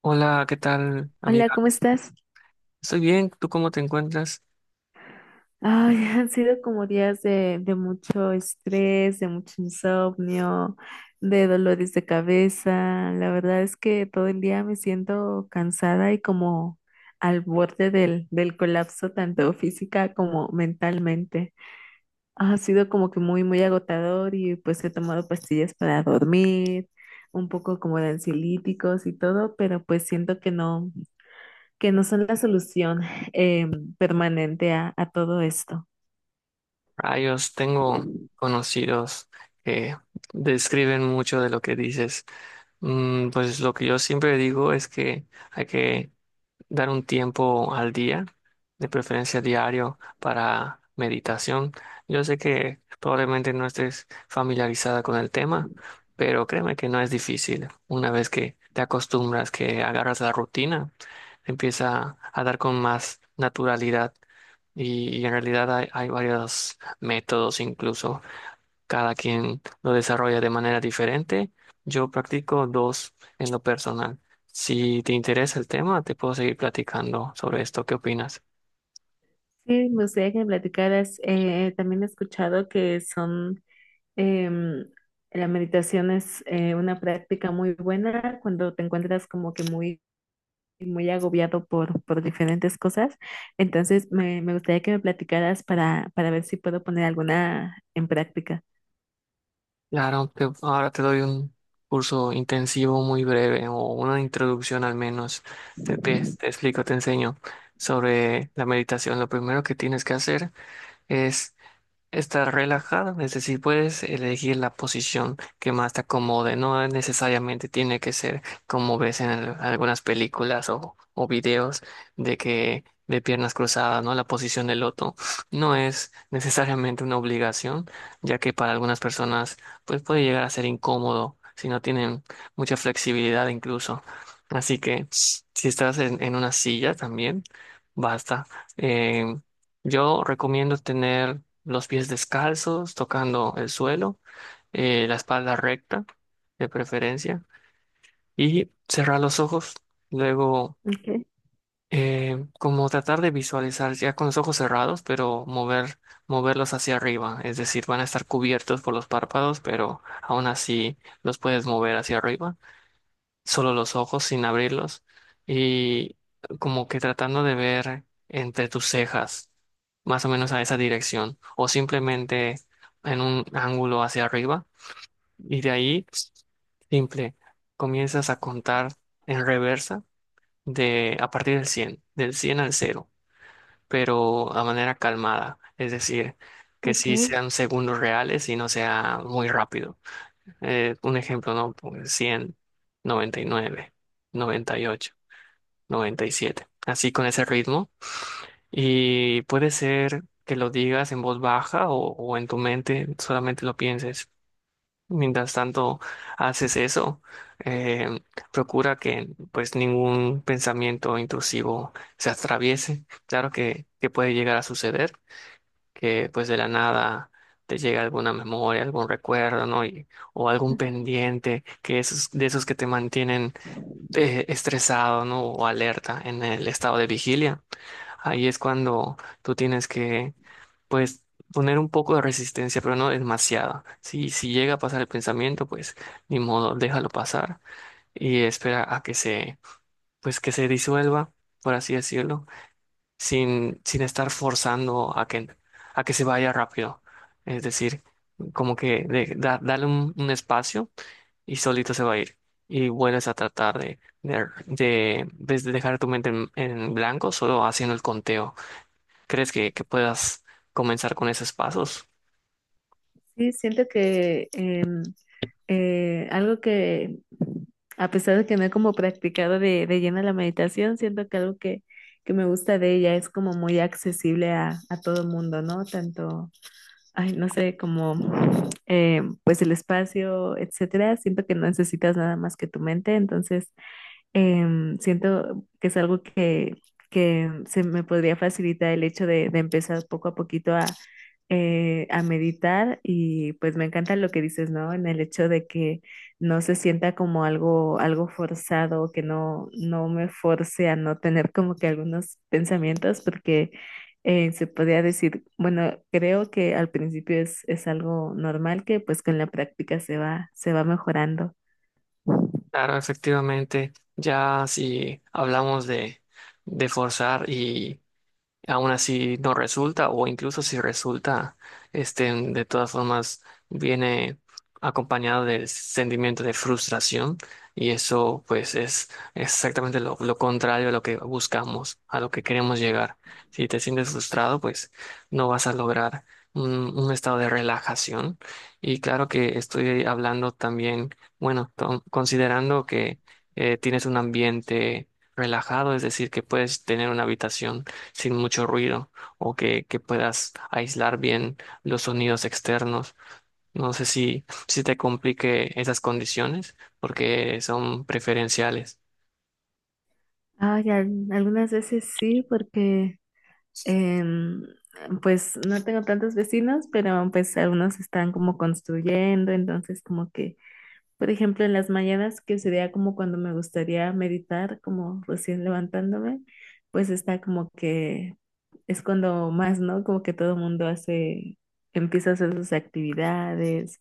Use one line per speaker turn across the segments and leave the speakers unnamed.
Hola, ¿qué tal,
Hola,
amiga?
¿cómo estás?
Estoy bien, ¿tú cómo te encuentras?
Ay, han sido como días de mucho estrés, de mucho insomnio, de dolores de cabeza. La verdad es que todo el día me siento cansada y como al borde del colapso, tanto física como mentalmente. Ha sido como que muy, muy agotador y pues he tomado pastillas para dormir, un poco como de ansiolíticos y todo, pero pues siento que no, que no son la solución eh, permanente a todo esto.
Rayos, tengo conocidos que describen mucho de lo que dices. Pues lo que yo siempre digo es que hay que dar un tiempo al día, de preferencia diario, para meditación. Yo sé que probablemente no estés familiarizada con el tema, pero créeme que no es difícil una vez que te acostumbras, que agarras la rutina. Empieza a dar con más naturalidad y en realidad hay varios métodos incluso, cada quien lo desarrolla de manera diferente. Yo practico dos en lo personal. Si te interesa el tema, te puedo seguir platicando sobre esto. ¿Qué opinas?
Sí, me gustaría que me platicaras. También he escuchado que son em, la meditación es una práctica muy buena cuando te encuentras como que muy, muy agobiado por diferentes cosas. Entonces, me gustaría que me platicaras para ver si puedo poner alguna en práctica.
Claro, ahora te doy un curso intensivo muy breve o una introducción al menos. Te explico, te enseño sobre la meditación. Lo primero que tienes que hacer es estar relajado, es decir, puedes elegir la posición que más te acomode, no necesariamente tiene que ser como ves en algunas películas o videos de piernas cruzadas, ¿no? La posición del loto no es necesariamente una obligación, ya que para algunas personas pues puede llegar a ser incómodo si no tienen mucha flexibilidad incluso. Así que si estás en una silla también, basta. eh, yo recomiendo tener los pies descalzos, tocando el suelo, la espalda recta, de preferencia, y cerrar los ojos. Luego,
Okay,
como tratar de visualizar ya con los ojos cerrados, pero moverlos hacia arriba. Es decir, van a estar cubiertos por los párpados, pero aún así los puedes mover hacia arriba, solo los ojos sin abrirlos, y como que tratando de ver entre tus cejas, más o menos a esa dirección, o simplemente en un ángulo hacia arriba, y de ahí, simple, comienzas a contar en reversa, de a partir del 100, al 0, pero a manera calmada, es decir, que sí
okay.
sean segundos reales y no sea muy rápido. Un ejemplo, ¿no? Pues 100, 99, 98, 97. Así con ese ritmo. Y puede ser que lo digas en voz baja o en tu mente, solamente lo pienses. Mientras tanto haces eso, eh, procura que pues ningún pensamiento intrusivo se atraviese. Claro que puede llegar a suceder, que pues de la nada te llega alguna memoria, algún recuerdo, ¿no? Y, o algún
Ujú.
pendiente, de esos que te mantienen estresado, ¿no? O alerta en el estado de vigilia. Ahí es cuando tú tienes que, pues, poner un poco de resistencia, pero no demasiada. Si llega a pasar el pensamiento, pues, ni modo, déjalo pasar y espera a que se, pues, que se disuelva, por así decirlo, sin estar forzando a que, se vaya rápido. Es decir, como que dale un espacio y solito se va a ir. Y vuelves a tratar de dejar tu mente en blanco, solo haciendo el conteo. ¿Crees que puedas comenzar con esos pasos?
Sí, siento que algo que, a pesar de que no he como practicado de lleno la meditación, siento que algo que me gusta de ella es como muy accesible a todo el mundo, ¿no? Tanto, ay, no sé, como pues el espacio, etcétera. Siento que no necesitas nada más que tu mente, entonces siento que es algo que se me podría facilitar el hecho de empezar poco a poquito a meditar y pues me encanta lo que dices, ¿no? En el hecho de que no se sienta como algo, algo forzado, que no, no me force a no tener como que algunos pensamientos, porque se podría decir, bueno, creo que al principio es algo normal que pues con la práctica se va mejorando.
Claro, efectivamente, ya si hablamos de forzar, aún así no resulta, o incluso si resulta, este, de todas formas viene acompañado del sentimiento de frustración, y eso pues es exactamente lo contrario a lo que buscamos, a lo que queremos llegar. Si te sientes frustrado, pues no vas a lograr un estado de relajación. Y claro que estoy hablando también, bueno, considerando que tienes un ambiente relajado, es decir, que puedes tener una habitación sin mucho ruido o que puedas aislar bien los sonidos externos. No sé si te complique esas condiciones porque son preferenciales.
Ay, al- algunas veces sí, porque em, pues no tengo tantos vecinos, pero pues algunos están como construyendo, entonces como que por ejemplo, en las mañanas, que sería como cuando me gustaría meditar, como recién levantándome, pues está como que es cuando más, ¿no? Como que todo el mundo hace, empieza a hacer sus actividades,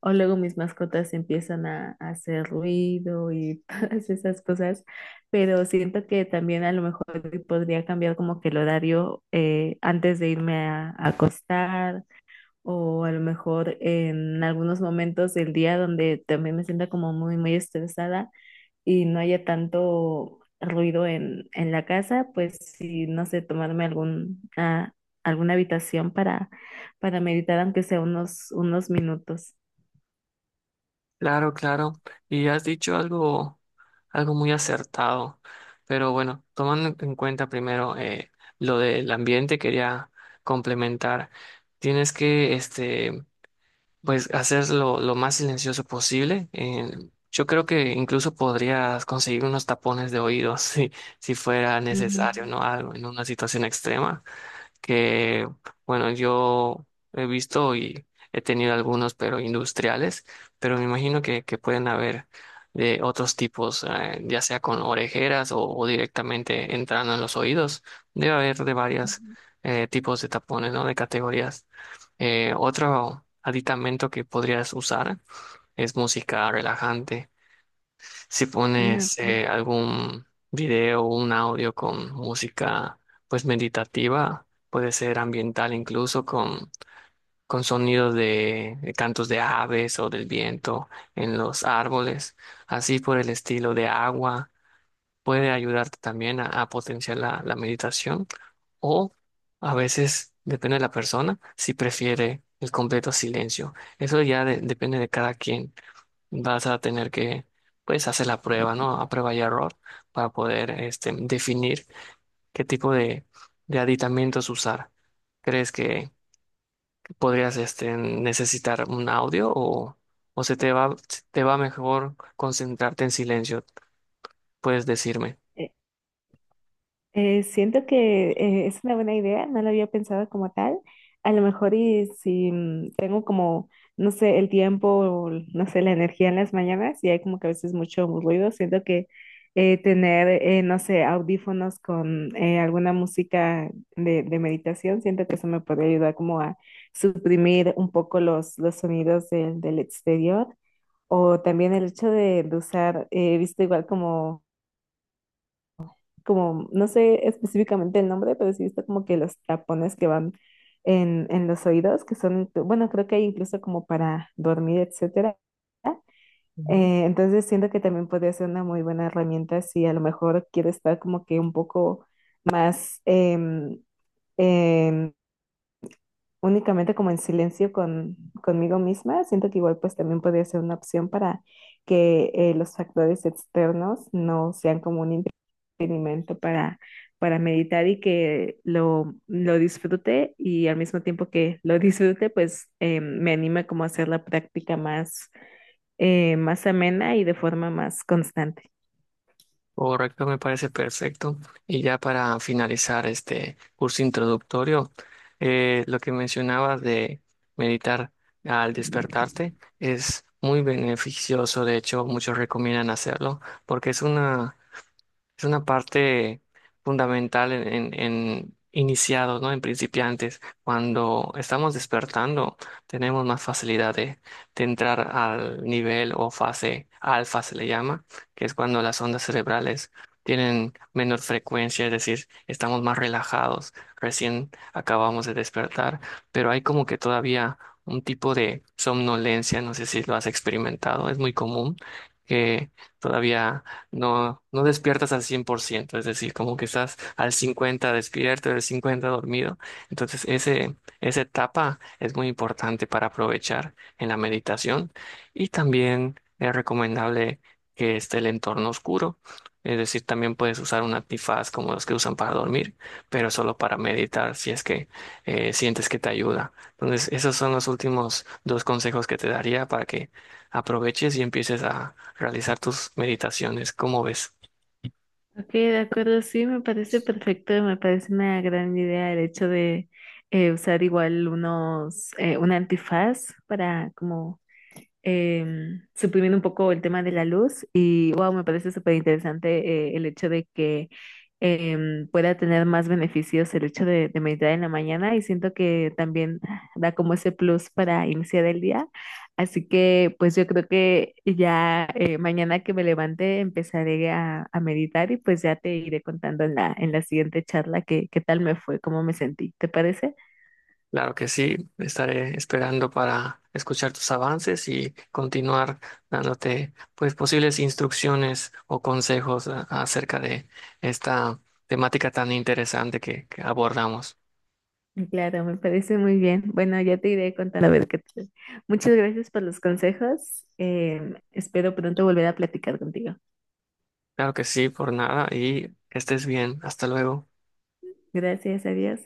o luego mis mascotas empiezan a hacer ruido y todas esas cosas, pero siento que también a lo mejor podría cambiar como que el horario antes de irme a acostar o a lo mejor en algunos momentos del día donde también me sienta como muy, muy estresada y no haya tanto ruido en la casa, pues sí, no sé, tomarme algún, ah, alguna habitación para meditar, aunque sea unos, unos minutos.
Claro, claro. Y has dicho algo, algo muy acertado. Pero bueno, tomando en cuenta primero lo del ambiente, quería complementar. Tienes que este, pues hacerlo lo más silencioso posible. Yo creo que incluso podrías conseguir unos tapones de oídos si fuera
Ujú.
necesario, ¿no? Algo en una situación extrema que, bueno, yo he visto y he tenido algunos, pero industriales, pero me imagino que pueden haber de otros tipos, ya sea con orejeras o directamente entrando en los oídos. Debe haber de varios tipos de tapones, ¿no? De categorías. Otro aditamento que podrías usar es música relajante. Si
Mm,
pones algún video o un audio con música pues meditativa, puede ser ambiental incluso con sonidos de cantos de aves o del viento en los árboles, así por el estilo de agua, puede ayudarte también a potenciar la meditación o a veces, depende de la persona, si prefiere el completo silencio. Eso ya depende de cada quien, vas a tener que, pues, hacer la prueba, ¿no? A prueba y error para poder, este, definir qué tipo de aditamentos usar. ¿Crees que podrías, este, necesitar un audio o te va mejor concentrarte en silencio? Puedes decirme.
ok. Siento que es una buena idea, no lo había pensado como tal. A lo mejor y si mm, tengo como, no sé, el tiempo, o, no sé, la energía en las mañanas y hay como que a veces mucho ruido, siento que tener, no sé, audífonos con alguna música de meditación, siento que eso me podría ayudar como a suprimir un poco los sonidos del exterior. O también el hecho de usar, he visto igual como no sé específicamente el nombre, pero sí he visto como que los tapones que van en los oídos, que son, inclu- bueno, creo que hay incluso como para dormir, etcétera. Entonces siento que también podría ser una muy buena herramienta si a lo mejor quiero estar como que un poco más em, únicamente como en silencio conmigo misma. Siento que igual pues también podría ser una opción para que los factores externos no sean como un experimento para meditar y que lo disfrute y al mismo tiempo que lo disfrute, pues me anima como a hacer la práctica más, más amena y de forma más constante.
Correcto, me parece perfecto. Y ya para finalizar este curso introductorio, lo que mencionabas de meditar al despertarte es muy beneficioso. De hecho, muchos recomiendan hacerlo porque es una parte fundamental en, en iniciados, ¿no? En principiantes. Cuando estamos despertando, tenemos más facilidad de entrar al nivel o fase alfa, se le llama, que es cuando las ondas cerebrales tienen menor frecuencia, es decir, estamos más relajados, recién acabamos de despertar, pero hay como que todavía un tipo de somnolencia, no sé si lo has experimentado, es muy común que todavía no despiertas al 100%, es decir, como que estás al 50 despierto, al 50 dormido. Entonces, esa etapa es muy importante para aprovechar en la meditación, y también es recomendable que esté el entorno oscuro. Es decir, también puedes usar un antifaz como los que usan para dormir, pero solo para meditar si es que sientes que te ayuda. Entonces, esos son los últimos dos consejos que te daría para que aproveches y empieces a realizar tus meditaciones. ¿Cómo ves?
Ok, de acuerdo, sí, me parece perfecto, me parece una gran idea el hecho de usar igual unos, un antifaz para como suprimiendo un poco el tema de la luz y wow, me parece súper interesante el hecho de que pueda tener más beneficios el hecho de meditar en la mañana y siento que también da como ese plus para iniciar el día. Así que pues yo creo que ya mañana que me levante empezaré a meditar y pues ya te iré contando en en la siguiente charla qué, qué tal me fue, cómo me sentí. ¿Te parece?
Claro que sí, estaré esperando para escuchar tus avances y continuar dándote pues posibles instrucciones o consejos acerca de esta temática tan interesante que abordamos.
Mm, claro, me parece muy bien. Bueno, ya te iré contando a ver qué tal. Muchas gracias por los consejos. Espero pronto volver a platicar contigo.
Claro que sí, por nada y que estés bien. Hasta luego.
Gracias, adiós.